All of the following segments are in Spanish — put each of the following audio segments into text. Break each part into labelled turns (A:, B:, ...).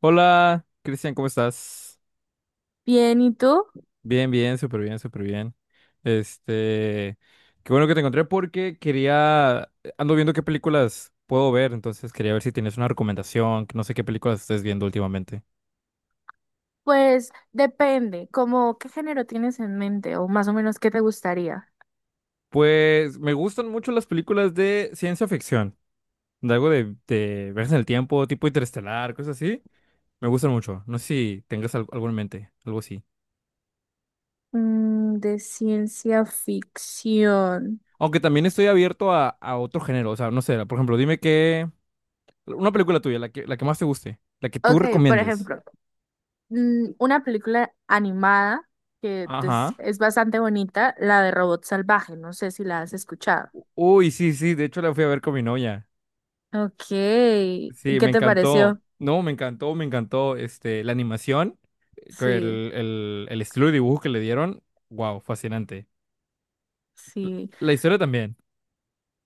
A: Hola, Cristian, ¿cómo estás?
B: Bien, ¿y tú?
A: Bien, bien, súper bien, súper bien. Este, qué bueno que te encontré porque ando viendo qué películas puedo ver, entonces quería ver si tienes una recomendación, que no sé qué películas estés viendo últimamente.
B: Pues depende, ¿como qué género tienes en mente o más o menos qué te gustaría?
A: Pues me gustan mucho las películas de ciencia ficción, de algo de viajes en el tiempo, tipo interestelar, cosas así. Me gustan mucho. No sé si tengas algo en mente, algo así.
B: De ciencia ficción.
A: Aunque también estoy abierto a otro género, o sea, no sé, por ejemplo, dime qué. Una película tuya, la que más te guste, la que tú
B: Ok, por
A: recomiendes.
B: ejemplo, una película animada que, pues,
A: Ajá.
B: es bastante bonita, la de Robot Salvaje, no sé si la has escuchado.
A: Uy, sí, sí, de hecho la fui a ver con mi novia.
B: Ok, ¿y
A: Sí,
B: ¿qué
A: me
B: te
A: encantó.
B: pareció?
A: No, me encantó este, la animación, con el,
B: Sí,
A: el, el estilo de dibujo que le dieron. Wow, fascinante. L-
B: sí.
A: La historia también.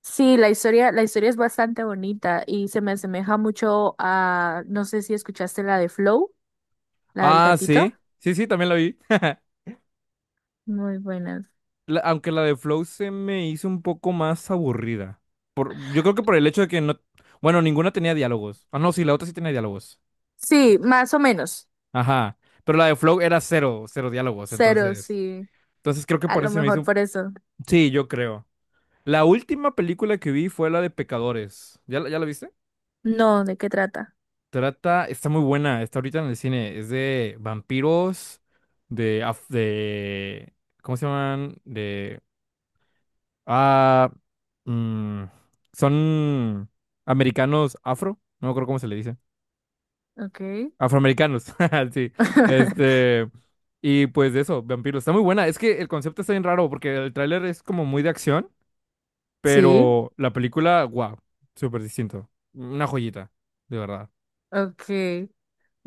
B: Sí, la historia es bastante bonita y se me asemeja mucho a, no sé si escuchaste la de Flow, la del
A: Ah,
B: gatito.
A: sí. Sí, sí, también la vi.
B: Muy buenas.
A: Aunque la de Flow se me hizo un poco más aburrida. Yo creo que por el hecho de que no. Bueno, ninguna tenía diálogos. Ah, no, sí, la otra sí tenía diálogos.
B: Sí, más o menos.
A: Ajá. Pero la de Flow era cero, cero diálogos,
B: Cero,
A: entonces.
B: sí.
A: Entonces creo que
B: A
A: por
B: lo
A: eso se me hizo.
B: mejor por eso.
A: Sí, yo creo. La última película que vi fue la de Pecadores. ¿Ya, ya la viste?
B: No, ¿de qué trata?
A: Trata, está muy buena, está ahorita en el cine. Es de vampiros, de, ¿cómo se llaman? Ah, mm, Son americanos afro, no me acuerdo cómo se le dice.
B: Ok.
A: Afroamericanos, sí. Este, y pues eso, vampiros. Está muy buena. Es que el concepto está bien raro porque el tráiler es como muy de acción,
B: Sí,
A: pero la película, wow, súper distinto. Una joyita, de verdad.
B: ok.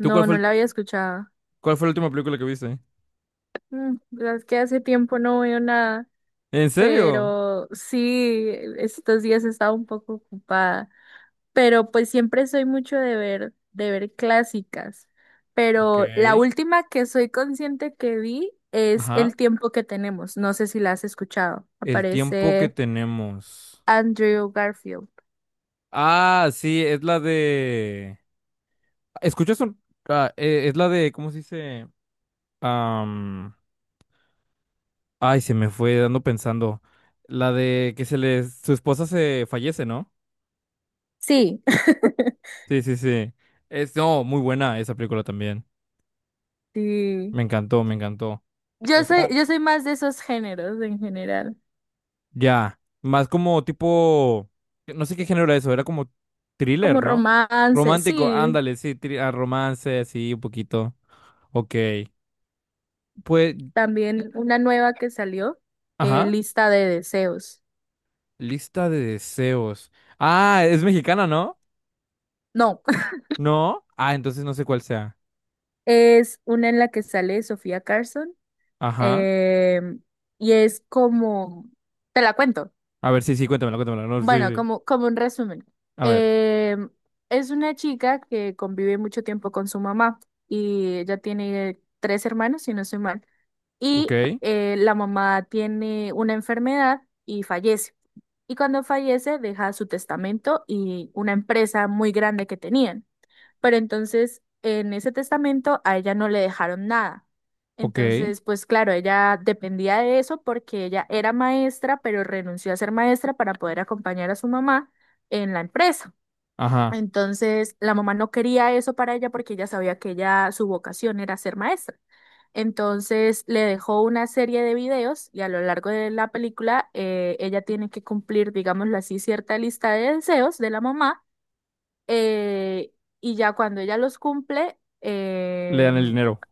A: ¿Tú cuál fue
B: no la había escuchado.
A: cuál fue la última película que viste?
B: La verdad es que hace tiempo no veo nada.
A: ¿En serio?
B: Pero sí, estos días he estado un poco ocupada, pero pues siempre soy mucho de ver clásicas,
A: Ok.
B: pero la última que soy consciente que vi es
A: Ajá.
B: El tiempo que tenemos, no sé si la has escuchado,
A: El tiempo que
B: aparece
A: tenemos.
B: Andrew Garfield.
A: Ah, sí, ¿Escuchas un... es la de, ¿cómo se dice? Ay, se me fue dando pensando. La de que se les, su esposa se fallece, ¿no?
B: Sí,
A: Sí, sí, sí. No, muy buena esa película también.
B: sí.
A: Me encantó, me encantó.
B: Yo soy,
A: Esa.
B: yo soy más de esos géneros en general,
A: Ya. Más como tipo, no sé qué género era eso, era como
B: como
A: thriller, ¿no?
B: romance,
A: Romántico,
B: sí,
A: ándale, sí, romance, sí, un poquito. Ok. Pues,
B: también una nueva que salió,
A: ajá.
B: Lista de deseos.
A: Lista de deseos. Ah, es mexicana, ¿no?
B: No.
A: ¿No? Ah, entonces no sé cuál sea.
B: Es una en la que sale Sofía Carson,
A: Ajá.
B: em, y es como, te la cuento,
A: A ver, sí, sí, cuéntamela, cuéntamela. No, sí,
B: bueno,
A: sí.
B: como, como un resumen.
A: A ver,
B: Em, es una chica que convive mucho tiempo con su mamá y ella tiene tres hermanos, si no soy mal,
A: ok,
B: y la mamá tiene una enfermedad y fallece. Y cuando fallece deja su testamento y una empresa muy grande que tenían. Pero entonces en ese testamento a ella no le dejaron nada.
A: ok,
B: Entonces, pues claro, ella dependía de eso porque ella era maestra, pero renunció a ser maestra para poder acompañar a su mamá en la empresa.
A: ajá,
B: Entonces, la mamá no quería eso para ella porque ella sabía que ella, su vocación era ser maestra. Entonces le dejó una serie de videos y a lo largo de la película ella tiene que cumplir, digámoslo así, cierta lista de deseos de la mamá, eh, y ya cuando ella los cumple,
A: le dan el dinero,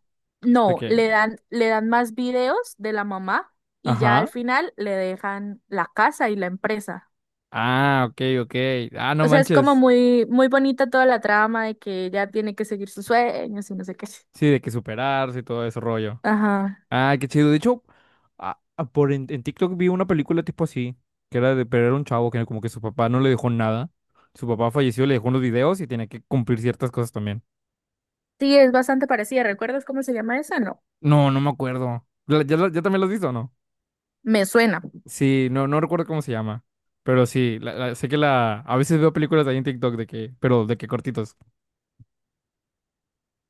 A: de
B: no,
A: que,
B: le dan más videos de la mamá y ya al
A: ajá,
B: final le dejan la casa y la empresa.
A: ah, ok, ok, ah, no
B: O sea, es como
A: manches,
B: muy, muy bonita toda la trama de que ella tiene que seguir sus sueños y no sé qué.
A: sí, de que superarse y todo ese rollo.
B: Ajá.
A: Ah, qué chido, de hecho, en TikTok vi una película tipo así, pero era un chavo que como que su papá no le dejó nada, su papá falleció, le dejó unos videos y tenía que cumplir ciertas cosas también.
B: Sí, es bastante parecida. ¿Recuerdas cómo se llama esa? No,
A: No, no me acuerdo. ¿Ya también lo has visto o no?
B: me suena.
A: Sí, no, no recuerdo cómo se llama. Pero sí, sé que la. A veces veo películas ahí en TikTok de que. Pero de que cortitos.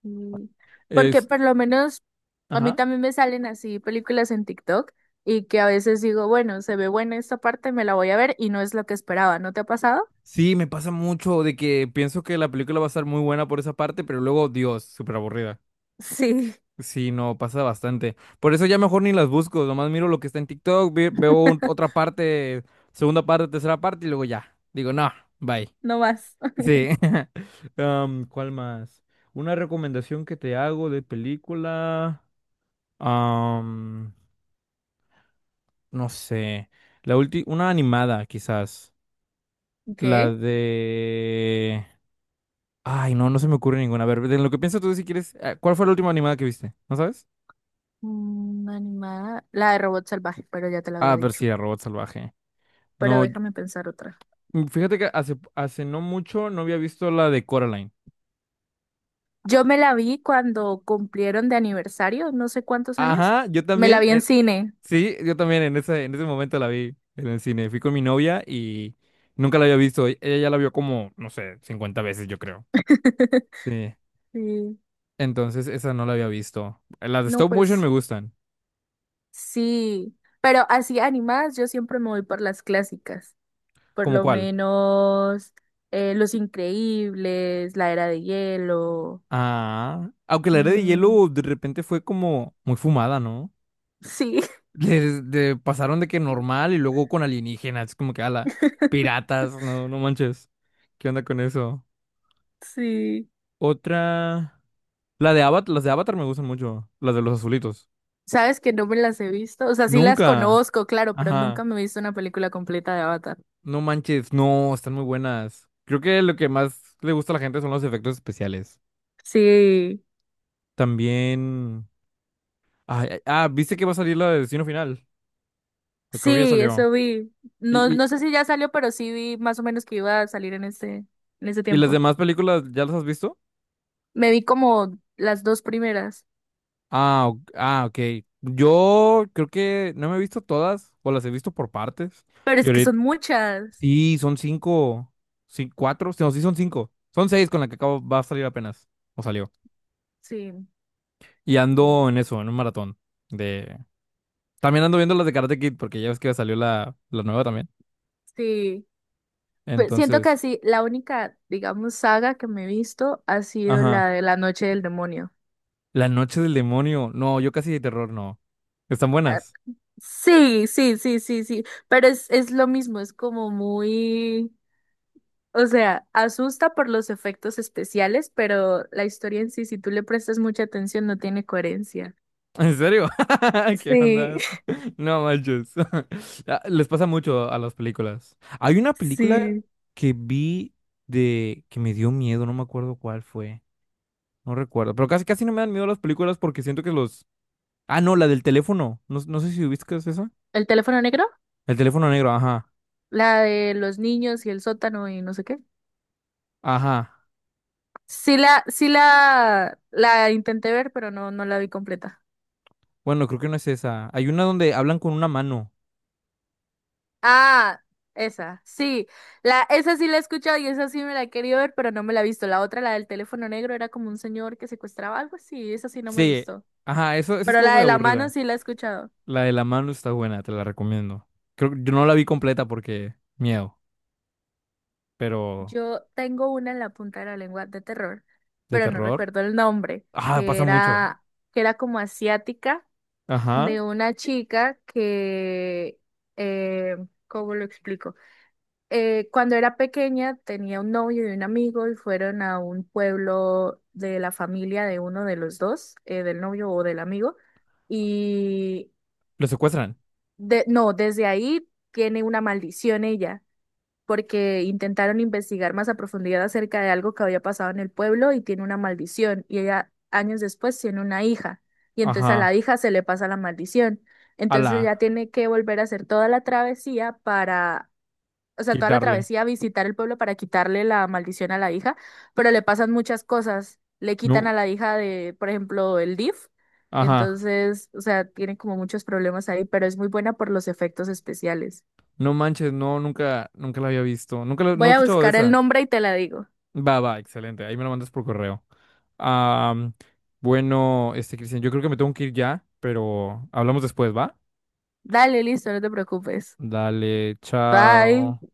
B: Mm, Porque
A: Es,
B: por lo menos a mí
A: ajá.
B: también me salen así películas en TikTok y que a veces digo, bueno, se ve buena esta parte, me la voy a ver y no es lo que esperaba. ¿No te ha pasado?
A: Sí, me pasa mucho de que pienso que la película va a estar muy buena por esa parte, pero luego, Dios, súper aburrida.
B: Sí,
A: Sí, no, pasa bastante. Por eso ya mejor ni las busco, nomás miro lo que está en TikTok, veo otra parte, segunda parte, tercera parte y luego ya. Digo, no, bye.
B: no más.
A: Sí. ¿Cuál más? Una recomendación que te hago de película. am, no sé. La última, una animada, quizás.
B: Ok.
A: La de... Ay, no, no se me ocurre ninguna. A ver, de lo que piensas tú si quieres. ¿Cuál fue la última animada que viste? ¿No sabes?
B: Animada. La de Robot Salvaje, pero ya te la
A: Ah,
B: había
A: pero sí,
B: dicho.
A: de Robot Salvaje.
B: Pero
A: No,
B: déjame pensar otra.
A: fíjate que hace no mucho no había visto la de Coraline.
B: Yo me la vi cuando cumplieron de aniversario, no sé cuántos años.
A: Ajá, yo
B: Me la
A: también.
B: vi en cine.
A: Sí, yo también en ese momento la vi en el cine. Fui con mi novia y nunca la había visto. Ella ya la vio como, no sé, 50 veces, yo creo. Sí.
B: Sí.
A: Entonces, esa no la había visto. Las de
B: No,
A: stop motion
B: pues
A: me gustan.
B: sí. Pero así animadas, yo siempre me voy por las clásicas. Por
A: ¿Cómo
B: lo
A: cuál?
B: menos Los Increíbles, La Era de Hielo.
A: Ah, aunque la Era de
B: mm,
A: Hielo de repente fue como muy fumada, ¿no?
B: sí,
A: Pasaron de que normal y luego con alienígenas. Es como que, ala, piratas, no, no manches. ¿Qué onda con eso?
B: sí.
A: Otra. La de Avatar, las de Avatar me gustan mucho. Las de los azulitos.
B: Sabes que no me las he visto, o sea, sí las
A: Nunca.
B: conozco, claro, pero
A: Ajá.
B: nunca me he visto una película completa de Avatar.
A: No manches, no, están muy buenas. Creo que lo que más le gusta a la gente son los efectos especiales.
B: Sí,
A: También. Ay, ay, ah, ¿viste que va a salir la de Destino Final? Pues creo que ya
B: sí, eso
A: salió.
B: vi. No,
A: ¿Y, y,
B: no sé si ya salió, pero sí vi más o menos que iba a salir en este, en ese
A: y las
B: tiempo.
A: demás películas ya las has visto?
B: Me vi como las dos primeras,
A: Ah, ok. Yo creo que no me he visto todas, o las he visto por partes.
B: pero
A: Y
B: es que
A: ahorita,
B: son muchas.
A: sí, son cinco, sí, cuatro, no, sí son cinco. Son seis con la que acabo, va a salir apenas, o salió.
B: Sí,
A: Y ando en eso, en un maratón de. También ando viendo las de Karate Kid, porque ya ves que salió la nueva también.
B: sí. Pues siento que
A: Entonces,
B: así, la única, digamos, saga que me he visto ha sido la
A: ajá.
B: de La Noche del Demonio.
A: La Noche del Demonio, no, yo casi de terror, no. ¿Están
B: Ah,
A: buenas?
B: sí, sí, sí, sí, sí, pero es lo mismo, es como muy, o sea, asusta por los efectos especiales, pero la historia en sí, si tú le prestas mucha atención, no tiene coherencia.
A: ¿En serio? ¿Qué
B: Sí,
A: onda? No manches. Ah, les pasa mucho a las películas. Hay una película
B: sí.
A: que vi de que me dio miedo, no me acuerdo cuál fue. No recuerdo, pero casi casi no me dan miedo las películas porque siento que los. Ah, no, la del teléfono. No, no sé si ubicas esa.
B: ¿El teléfono negro?
A: El teléfono negro, ajá.
B: La de los niños y el sótano y no sé qué.
A: Ajá.
B: Sí la, sí la intenté ver, pero no, no la vi completa.
A: Bueno, creo que no es esa. Hay una donde hablan con una mano.
B: Ah, esa, sí. La, esa sí la he escuchado y esa sí me la he querido ver, pero no me la he visto. La otra, la del teléfono negro, era como un señor que secuestraba algo así, esa sí no me
A: Sí.
B: gustó.
A: Ajá, eso esa
B: Pero
A: estuvo
B: la
A: muy
B: de la mano
A: aburrida.
B: sí la he escuchado.
A: La de la mano está buena, te la recomiendo. Creo que yo no la vi completa porque miedo. Pero
B: Yo tengo una en la punta de la lengua de terror,
A: de
B: pero no
A: terror.
B: recuerdo el nombre,
A: Ah, pasa mucho.
B: que era como asiática,
A: Ajá.
B: de una chica que, eh, ¿cómo lo explico? Cuando era pequeña tenía un novio y un amigo y fueron a un pueblo de la familia de uno de los dos, del novio o del amigo, y
A: Lo secuestran.
B: no, desde ahí tiene una maldición ella, porque intentaron investigar más a profundidad acerca de algo que había pasado en el pueblo y tiene una maldición, y ella años después tiene una hija, y entonces a la
A: Ajá.
B: hija se le pasa la maldición.
A: Ala.
B: Entonces ya tiene que volver a hacer toda la travesía para, o sea, toda la
A: Quitarle.
B: travesía a visitar el pueblo para quitarle la maldición a la hija, pero le pasan muchas cosas. Le quitan a
A: No.
B: la hija de, por ejemplo, el DIF.
A: Ajá.
B: Entonces, o sea, tiene como muchos problemas ahí, pero es muy buena por los efectos especiales.
A: No manches, no, nunca, nunca la había visto. Nunca no he
B: Voy a
A: escuchado de
B: buscar el
A: esa.
B: nombre y te la digo.
A: Va, va, excelente. Ahí me lo mandas por correo. Ah, bueno, este, Cristian, yo creo que me tengo que ir ya, pero hablamos después, ¿va?
B: Dale, listo, no te preocupes.
A: Dale,
B: Bye.
A: chao.